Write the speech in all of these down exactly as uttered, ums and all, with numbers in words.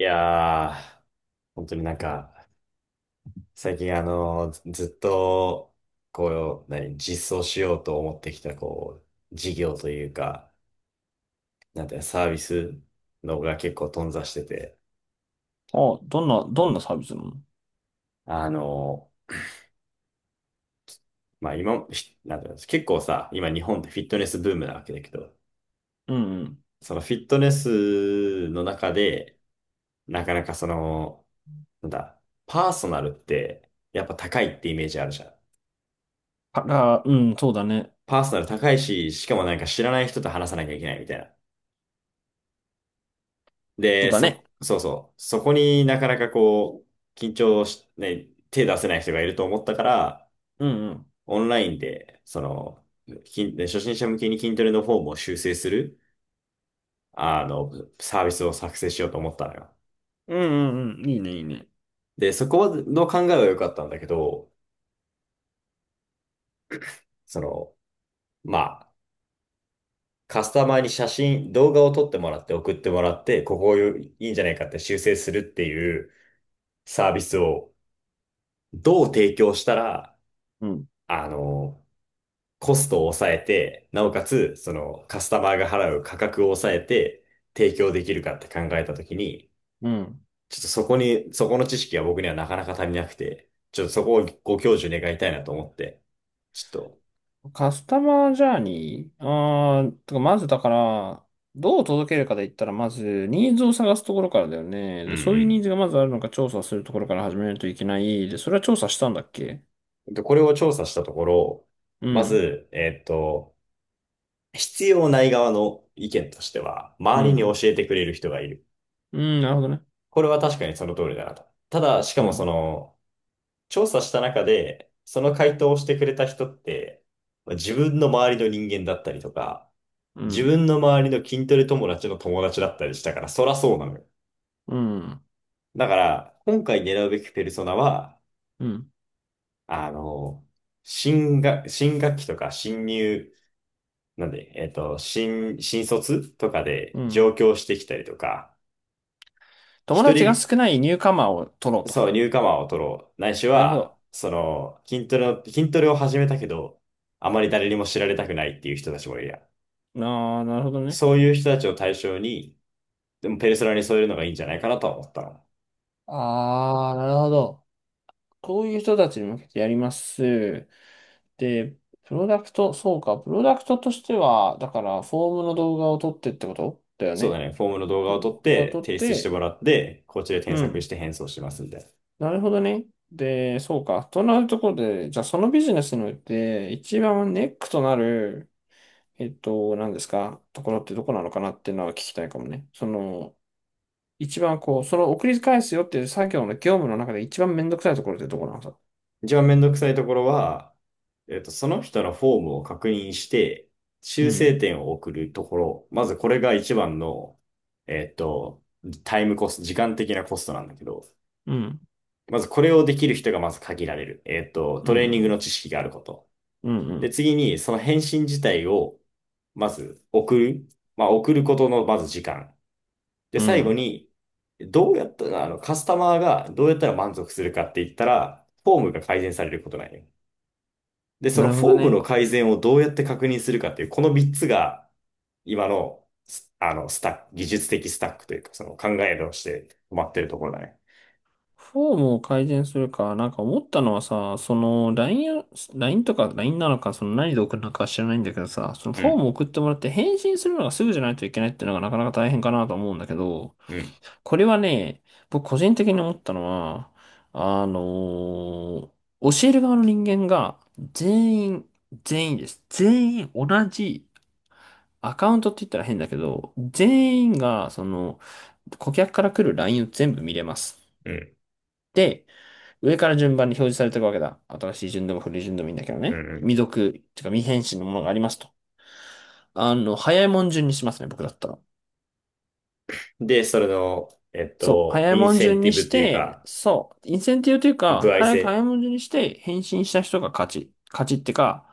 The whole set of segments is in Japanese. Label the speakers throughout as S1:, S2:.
S1: いやー、本当になんか、最近あの、ずずっと、こう、何、実装しようと思ってきた、こう、事業というか、なんていうのサービスのが結構頓挫してて、
S2: あ、どんな、どんなサービスなの？
S1: あの、まあ今、ひなんていうの結構さ、今日本ってフィットネスブームなわけだけど、
S2: うんうん。
S1: そのフィットネスの中で、なかなかその、なんだ、パーソナルって、やっぱ高いってイメージあるじゃん。
S2: あら、うん、そうだね。
S1: パーソナル高いし、しかもなんか知らない人と話さなきゃいけないみたいな。
S2: そう
S1: で、
S2: だね。
S1: そ、そうそう。そこになかなかこう、緊張し、ね、手出せない人がいると思ったから、
S2: うんうん。
S1: オンラインで、その、筋で初心者向けに筋トレのフォームを修正する、あの、サービスを作成しようと思ったのよ。
S2: うんうんうん。いいね、いいね。
S1: で、そこの考えは良かったんだけど、その、まあ、カスタマーに写真、動画を撮ってもらって送ってもらって、ここをいいんじゃないかって修正するっていうサービスをどう提供したら、
S2: うん。
S1: あの、コストを抑えて、なおかつ、そのカスタマーが払う価格を抑えて提供できるかって考えたときに、
S2: うん。
S1: ちょっとそこに、そこの知識は僕にはなかなか足りなくて、ちょっとそこをご教授願いたいなと思って、ちょっと、
S2: カスタマージャーニーあー、とか、まずだから、どう届けるかで言ったら、まず、ニーズを探すところからだよね。
S1: う
S2: で、そういうニー
S1: ん
S2: ズがまずあるのか調査するところから始めないといけない。で、それは調査したんだっけ？
S1: うん。で、これを調査したところ、
S2: う
S1: ま
S2: ん。
S1: ず、えっと、必要ない側の意見としては、
S2: う
S1: 周りに教
S2: ん。
S1: えてくれる人がいる。
S2: うん、なるほどね。
S1: これは確かにその通りだなと。ただ、しか
S2: う
S1: もそ
S2: ん。
S1: の、調査した中で、その回答をしてくれた人って、まあ自分の周りの人間だったりとか、
S2: う
S1: 自
S2: ん。
S1: 分の周りの筋トレ友達の友達だったりしたから、そらそうなのよ。
S2: うん。
S1: だから、今回狙うべきペルソナは、
S2: うん。
S1: あの、新学、新学期とか新入、なんで、えっと、新、新卒とかで
S2: うん。
S1: 上京してきたりとか、
S2: 友
S1: 一
S2: 達が
S1: 人
S2: 少ないニューカマーを取ろうと。
S1: そう、ニューカマーを取ろう。ないし
S2: なるほ
S1: は、
S2: ど。
S1: その、筋トレの、筋トレを始めたけど、あまり誰にも知られたくないっていう人たちもいるやん。
S2: ああ、なるほどね。
S1: そういう人たちを対象に、でもペルソナに添えるのがいいんじゃないかなとは思ったの。
S2: ああ、なるほど。こういう人たちに向けてやります。で、プロダクト、そうか、プロダクトとしては、だから、フォームの動画を撮ってってことだよ
S1: そうだ
S2: ね。
S1: ね、フォームの動画を
S2: 動
S1: 撮っ
S2: 画を
S1: て
S2: 撮っ
S1: 提出しても
S2: て、
S1: らって、こっちで
S2: う
S1: 添削し
S2: ん。
S1: て返送しますんで。
S2: なるほどね。で、そうか。となるところで、じゃあそのビジネスにおいて、一番ネックとなる、えっと、何ですか、ところってどこなのかなっていうのは聞きたいかもね。その、一番こう、その送り返すよっていう作業の業務の中で一番めんどくさいところってどこなの？
S1: 一番めんどくさいところは、えっと、その人のフォームを確認して、
S2: う
S1: 修正
S2: ん、
S1: 点を送るところ、まずこれが一番の、えっと、タイムコスト、時間的なコストなんだけど、
S2: うん、
S1: まずこれをできる人がまず限られる。えっと、ト
S2: う
S1: レーニングの
S2: ん、
S1: 知識があること。
S2: うん、う
S1: で、
S2: ん、
S1: 次に、その返信自体を、まず送る。まあ、送ることのまず時間。で、
S2: う
S1: 最後
S2: ん。
S1: に、どうやったら、あの、カスタマーがどうやったら満足するかって言ったら、フォームが改善されることなんよ。で、そ
S2: な
S1: の
S2: るほ
S1: フ
S2: ど
S1: ォームの
S2: ね。
S1: 改善をどうやって確認するかっていう、このみっつが、今の、すあの、スタック、技術的スタックというか、その考えとして止まってるところだね。
S2: フォームを改善するか、なんか思ったのはさ、その ライン を、l とか ライン なのか、その何で送るのかは知らないんだけどさ、その
S1: う
S2: フォー
S1: ん、
S2: ムを送ってもらって返信するのがすぐじゃないといけないっていうのがなかなか大変かなと思うんだけど、
S1: うん、
S2: これはね、僕個人的に思ったのは、あのー教える側の人間が全員、全員です。全員同じアカウントって言ったら変だけど、全員が、その、顧客から来る ライン を全部見れます。
S1: うん、
S2: で、上から順番に表示されていくわけだ。新しい順でも古い順でもいいんだけど
S1: う
S2: ね。
S1: ん、う
S2: 未
S1: ん。
S2: 読、てか未返信のものがありますと。あの、早いもん順にしますね、僕だったら。
S1: で、それの、えっ
S2: そう、
S1: と、
S2: 早い
S1: イン
S2: もん
S1: セン
S2: 順
S1: テ
S2: に
S1: ィ
S2: し
S1: ブという
S2: て、
S1: か、
S2: そう、インセンティブという
S1: 歩
S2: か、
S1: 合
S2: 早く
S1: 制。
S2: 早いもん順にして返信した人が勝ち。勝ちってか、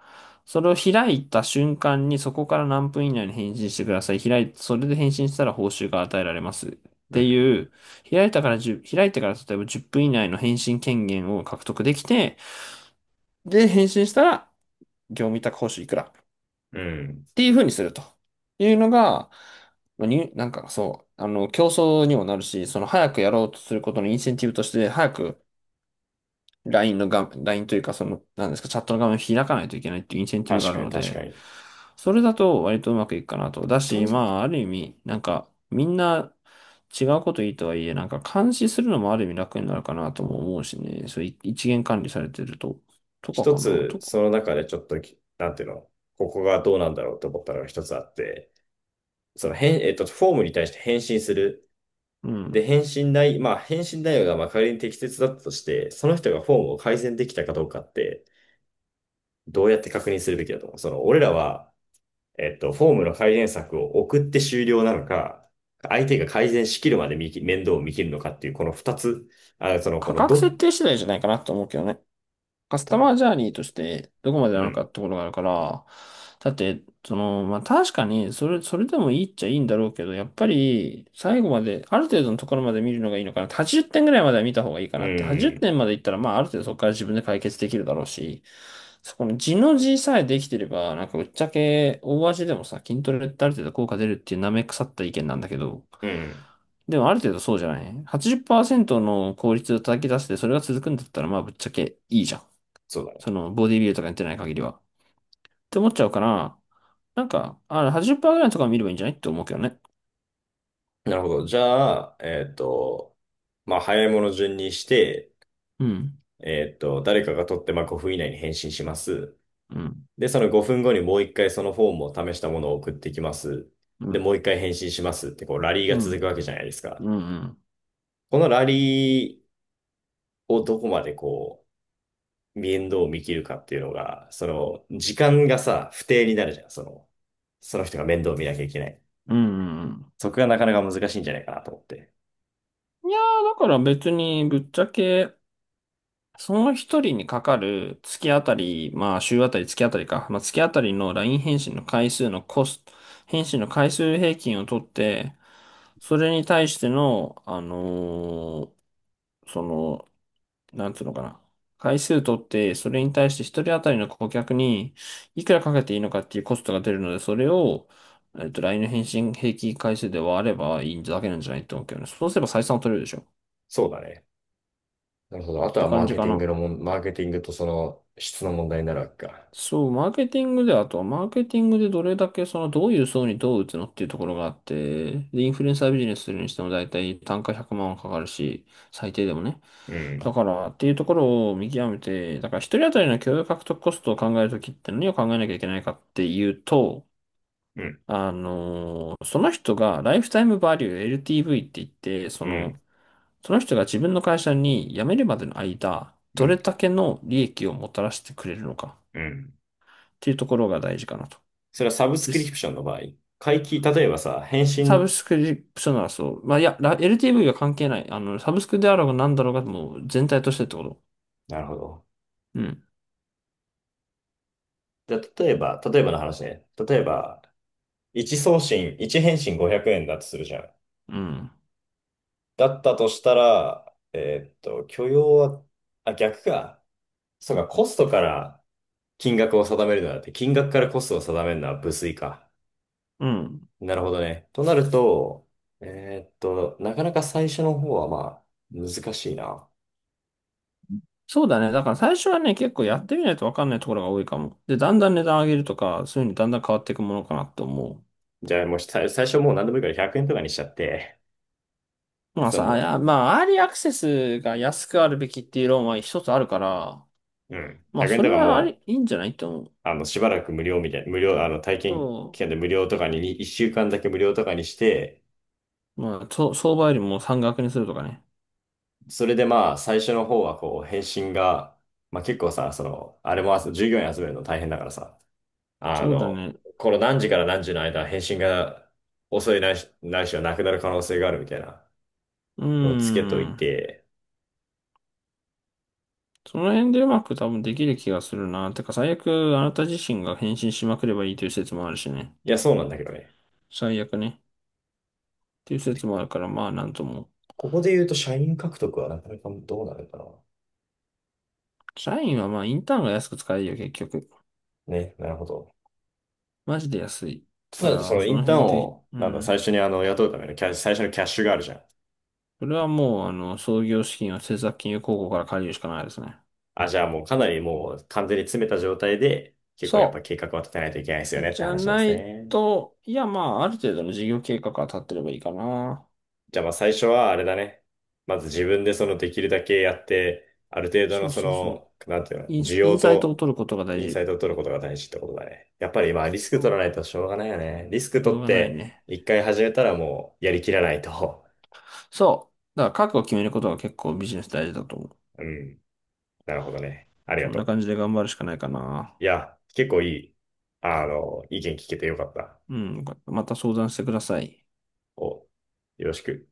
S2: それを開いた瞬間にそこから何分以内に返信してください。開い、それで返信したら報酬が与えられます。っ
S1: う
S2: て
S1: ん。
S2: いう、開いたからいち開いてから例えばじゅっぷん以内の返信権限を獲得できて、で、返信したら、業務委託報酬いくら
S1: うん。
S2: っていうふうにするというのが、まあに、なんかそう、あの、競争にもなるし、その早くやろうとすることのインセンティブとして、早く ライン の画面、ライン というか、その、なんですか、チャットの画面を開かないといけないっていうインセンティブが
S1: 確
S2: ある
S1: かに、
S2: の
S1: 確か
S2: で、
S1: に。
S2: それだと割とうまくいくかなと。だ
S1: と
S2: し、
S1: に、
S2: まあ、ある意味、なんか、みんな違うこといいとはいえ、なんか監視するのもある意味楽になるかなとも思うしね、そうい一元管理されてると、とか
S1: 一
S2: かな、
S1: つ、
S2: とか。
S1: その中でちょっとき、なんていうの、ここがどうなんだろうと思ったのが一つあって、その変、えっと、フォームに対して返信する。
S2: うん。
S1: で、返信内、まあ、返信内容がまあ仮に適切だったとして、その人がフォームを改善できたかどうかって、どうやって確認するべきだと思う。その、俺らは、えっと、フォームの改善策を送って終了なのか、相手が改善しきるまで見き面倒を見切るのかっていう、この二つ、あ、その、こ
S2: 価
S1: の
S2: 格設
S1: ど、
S2: 定次第じゃないかなと思うけどね。カス
S1: ど
S2: タマージャーニーとしてどこまで
S1: う
S2: なのか
S1: ん、
S2: ってことがあるから、だって、その、まあ、確かに、それ、それでもいいっちゃいいんだろうけど、やっぱり、最後まで、ある程度のところまで見るのがいいのかなって。はちじゅってんぐらいまでは見た方がいいか
S1: う
S2: なって。80
S1: ん、
S2: 点までいったら、まあ、ある程度そこから自分で解決できるだろうし、そこの地の字さえできてれば、なんか、ぶっちゃけ、大味でもさ、筋トレってある程度効果出るっていう舐め腐った意見なんだけど、
S1: うん、
S2: でもある程度そうじゃない ?はちじゅっパーセント の効率を叩き出して、それが続くんだったら、まあ、ぶっちゃけいいじゃん。
S1: そうだね。
S2: その、ボディビルとかやってない限りは。って思っちゃうから、なんか、あ、はちじゅっパーセントぐらいのところ見ればいいんじゃないって思うけどね。
S1: なるほど。じゃあ、えっと、まあ、早いもの順にして、
S2: うん。
S1: えっと、誰かが取って、まあ、ごふん以内に返信します。
S2: うん。
S1: で、そのごふんごにもう一回そのフォームを試したものを送ってきます。
S2: う
S1: で、
S2: ん。
S1: もう一回返信しますって、こう、ラリーが
S2: うん。
S1: 続くわけじゃないですか。
S2: うん。うん。
S1: このラリーをどこまでこう、面倒を見切るかっていうのが、その、時間がさ、不定になるじゃん。その、その人が面倒を見なきゃいけない。
S2: うんうん。
S1: そこがなかなか難しいんじゃないかなと思って。
S2: いやー、だから別に、ぶっちゃけ、その一人にかかる月あたり、まあ週あたり月あたりか、まあ月あたりの ライン 返信の回数のコスト、返信の回数平均を取って、それに対しての、あのーその、なんつうのかな。回数取って、それに対して一人当たりの顧客にいくらかけていいのかっていうコストが出るので、それを、えっと、ライン の返信平均回数で割ればいいだけなんじゃないと思うけどね。そうすれば採算を取れるでしょっ
S1: そうだね。なるほど。あと
S2: て
S1: はマ
S2: 感
S1: ー
S2: じ
S1: ケ
S2: か
S1: ティング
S2: な。
S1: のもん、マーケティングとその質の問題になるわけか。
S2: そう、マーケティングで、あとはマーケティングでどれだけそのどういう層にどう打つのっていうところがあって、で、インフルエンサービジネスするにしても大体単価ひゃくまんはかかるし、最低でもね。
S1: うん、
S2: だからっていうところを見極めて、だから一人当たりの共有獲得コストを考えるときって何を考えなきゃいけないかっていうと、
S1: うん、
S2: あのーその人がライフタイムバリュー エルティーブイ って言って、そ
S1: う
S2: の、
S1: ん、
S2: その人が自分の会社に辞めるまでの間、
S1: う
S2: どれ
S1: ん、
S2: だけの利益をもたらしてくれるのか
S1: うん。
S2: っていうところが大事かなと。
S1: それはサブス
S2: で
S1: クリ
S2: す。
S1: プションの場合、会期、例えばさ、返
S2: サ
S1: 信、
S2: ブスクリプションならそう。まあ、いや、ラ エルティーブイ は関係ない。あの、サブスクであろうが何だろうが、もう全体としてってこと。
S1: なるほど。
S2: うん。
S1: じゃあ、例えば、例えばの話ね。例えば、いち送信、いち返信ごひゃくえんだとするじゃん。
S2: うん。
S1: だったとしたら、えーっと、許容は、あ、逆か。そうか、コストから金額を定めるのだって、金額からコストを定めるのは無粋か。
S2: うん。
S1: なるほどね。となると、えーっと、なかなか最初の方はまあ、難しいな。
S2: そうだね。だから最初はね、結構やってみないと分かんないところが多いかも。で、だんだん値段上げるとか、そういうのにだんだん変わっていくものかなと思
S1: じゃあもう最最初もう何でもいいからひゃくえんとかにしちゃって、
S2: う。まあ
S1: そう
S2: さ、あい
S1: も
S2: や、まあ、アーリーアクセスが安くあるべきっていう論は一つあるから、
S1: う、うん、
S2: まあ、
S1: ひゃくえん
S2: そ
S1: と
S2: れ
S1: か
S2: はあ
S1: も
S2: り、いいんじゃないと思う。
S1: う、あの、しばらく無料みたいな、無料、あの、体験
S2: そ
S1: 期間で無料とかに、いっしゅうかんだけ無料とかにして、
S2: う。まあ、そ相場よりも山額にするとかね。
S1: それでまあ、最初の方はこう、返信が、まあ結構さ、その、あれも集従業員集めるの大変だからさ、あ
S2: そうだ
S1: の、
S2: ね。
S1: この何時から何時の間、返信が遅いないし、ないしはなくなる可能性があるみたいな
S2: うー
S1: のをつけとい
S2: ん。
S1: て、
S2: その辺でうまく多分できる気がするな。てか最悪あなた自身が返信しまくればいいという説もあるしね。
S1: いや、そうなんだけどね。
S2: 最悪ね。っていう説もあるからまあなんとも。
S1: ここで言うと、社員獲得はなかなかどうなるか
S2: 社員はまあインターンが安く使えるよ結局。
S1: な。ね、なるほど。
S2: マジで安い。だ
S1: た
S2: か
S1: だ、そ
S2: ら
S1: のイ
S2: そ
S1: ン
S2: の
S1: ターン
S2: 辺で、
S1: を、
S2: う
S1: なんだ、
S2: ん。
S1: 最初にあの、雇うためのキャッシュ、最初のキャッシュがあるじゃん。
S2: それはもうあの創業資金を政策金融公庫から借りるしかないですね。
S1: あ、じゃあもうかなりもう完全に詰めた状態で、結構やっぱ
S2: そ
S1: 計画は立てないといけないですよ
S2: う。
S1: ねって
S2: じゃ
S1: 話なんで
S2: な
S1: す
S2: い
S1: ね。
S2: と、いやまあある程度の事業計画が立ってればいいかな。
S1: じゃあまあ最初はあれだね。まず自分でそのできるだけやって、ある程度
S2: そ
S1: の
S2: う
S1: そ
S2: そうそう。
S1: の、なんていうの、
S2: イン、
S1: 需
S2: イ
S1: 要
S2: ンサイトを
S1: と
S2: 取ることが大
S1: インサ
S2: 事。
S1: イトを取ることが大事ってことだね。やっぱり今リスク取
S2: そ
S1: らない
S2: う。
S1: としょうがないよね。リスク取
S2: 動
S1: っ
S2: 画ない
S1: て
S2: ね。
S1: 一回始めたらもうやりきらないと。
S2: そう。だから覚悟を決めることが結構ビジネス大事だと思う。
S1: うん。なるほどね。あり
S2: そ
S1: が
S2: んな
S1: と
S2: 感じで頑張るしかないかな。
S1: う。いや、結構いい、あの、意見聞けてよかった。
S2: うん。また相談してください。
S1: お、よろしく。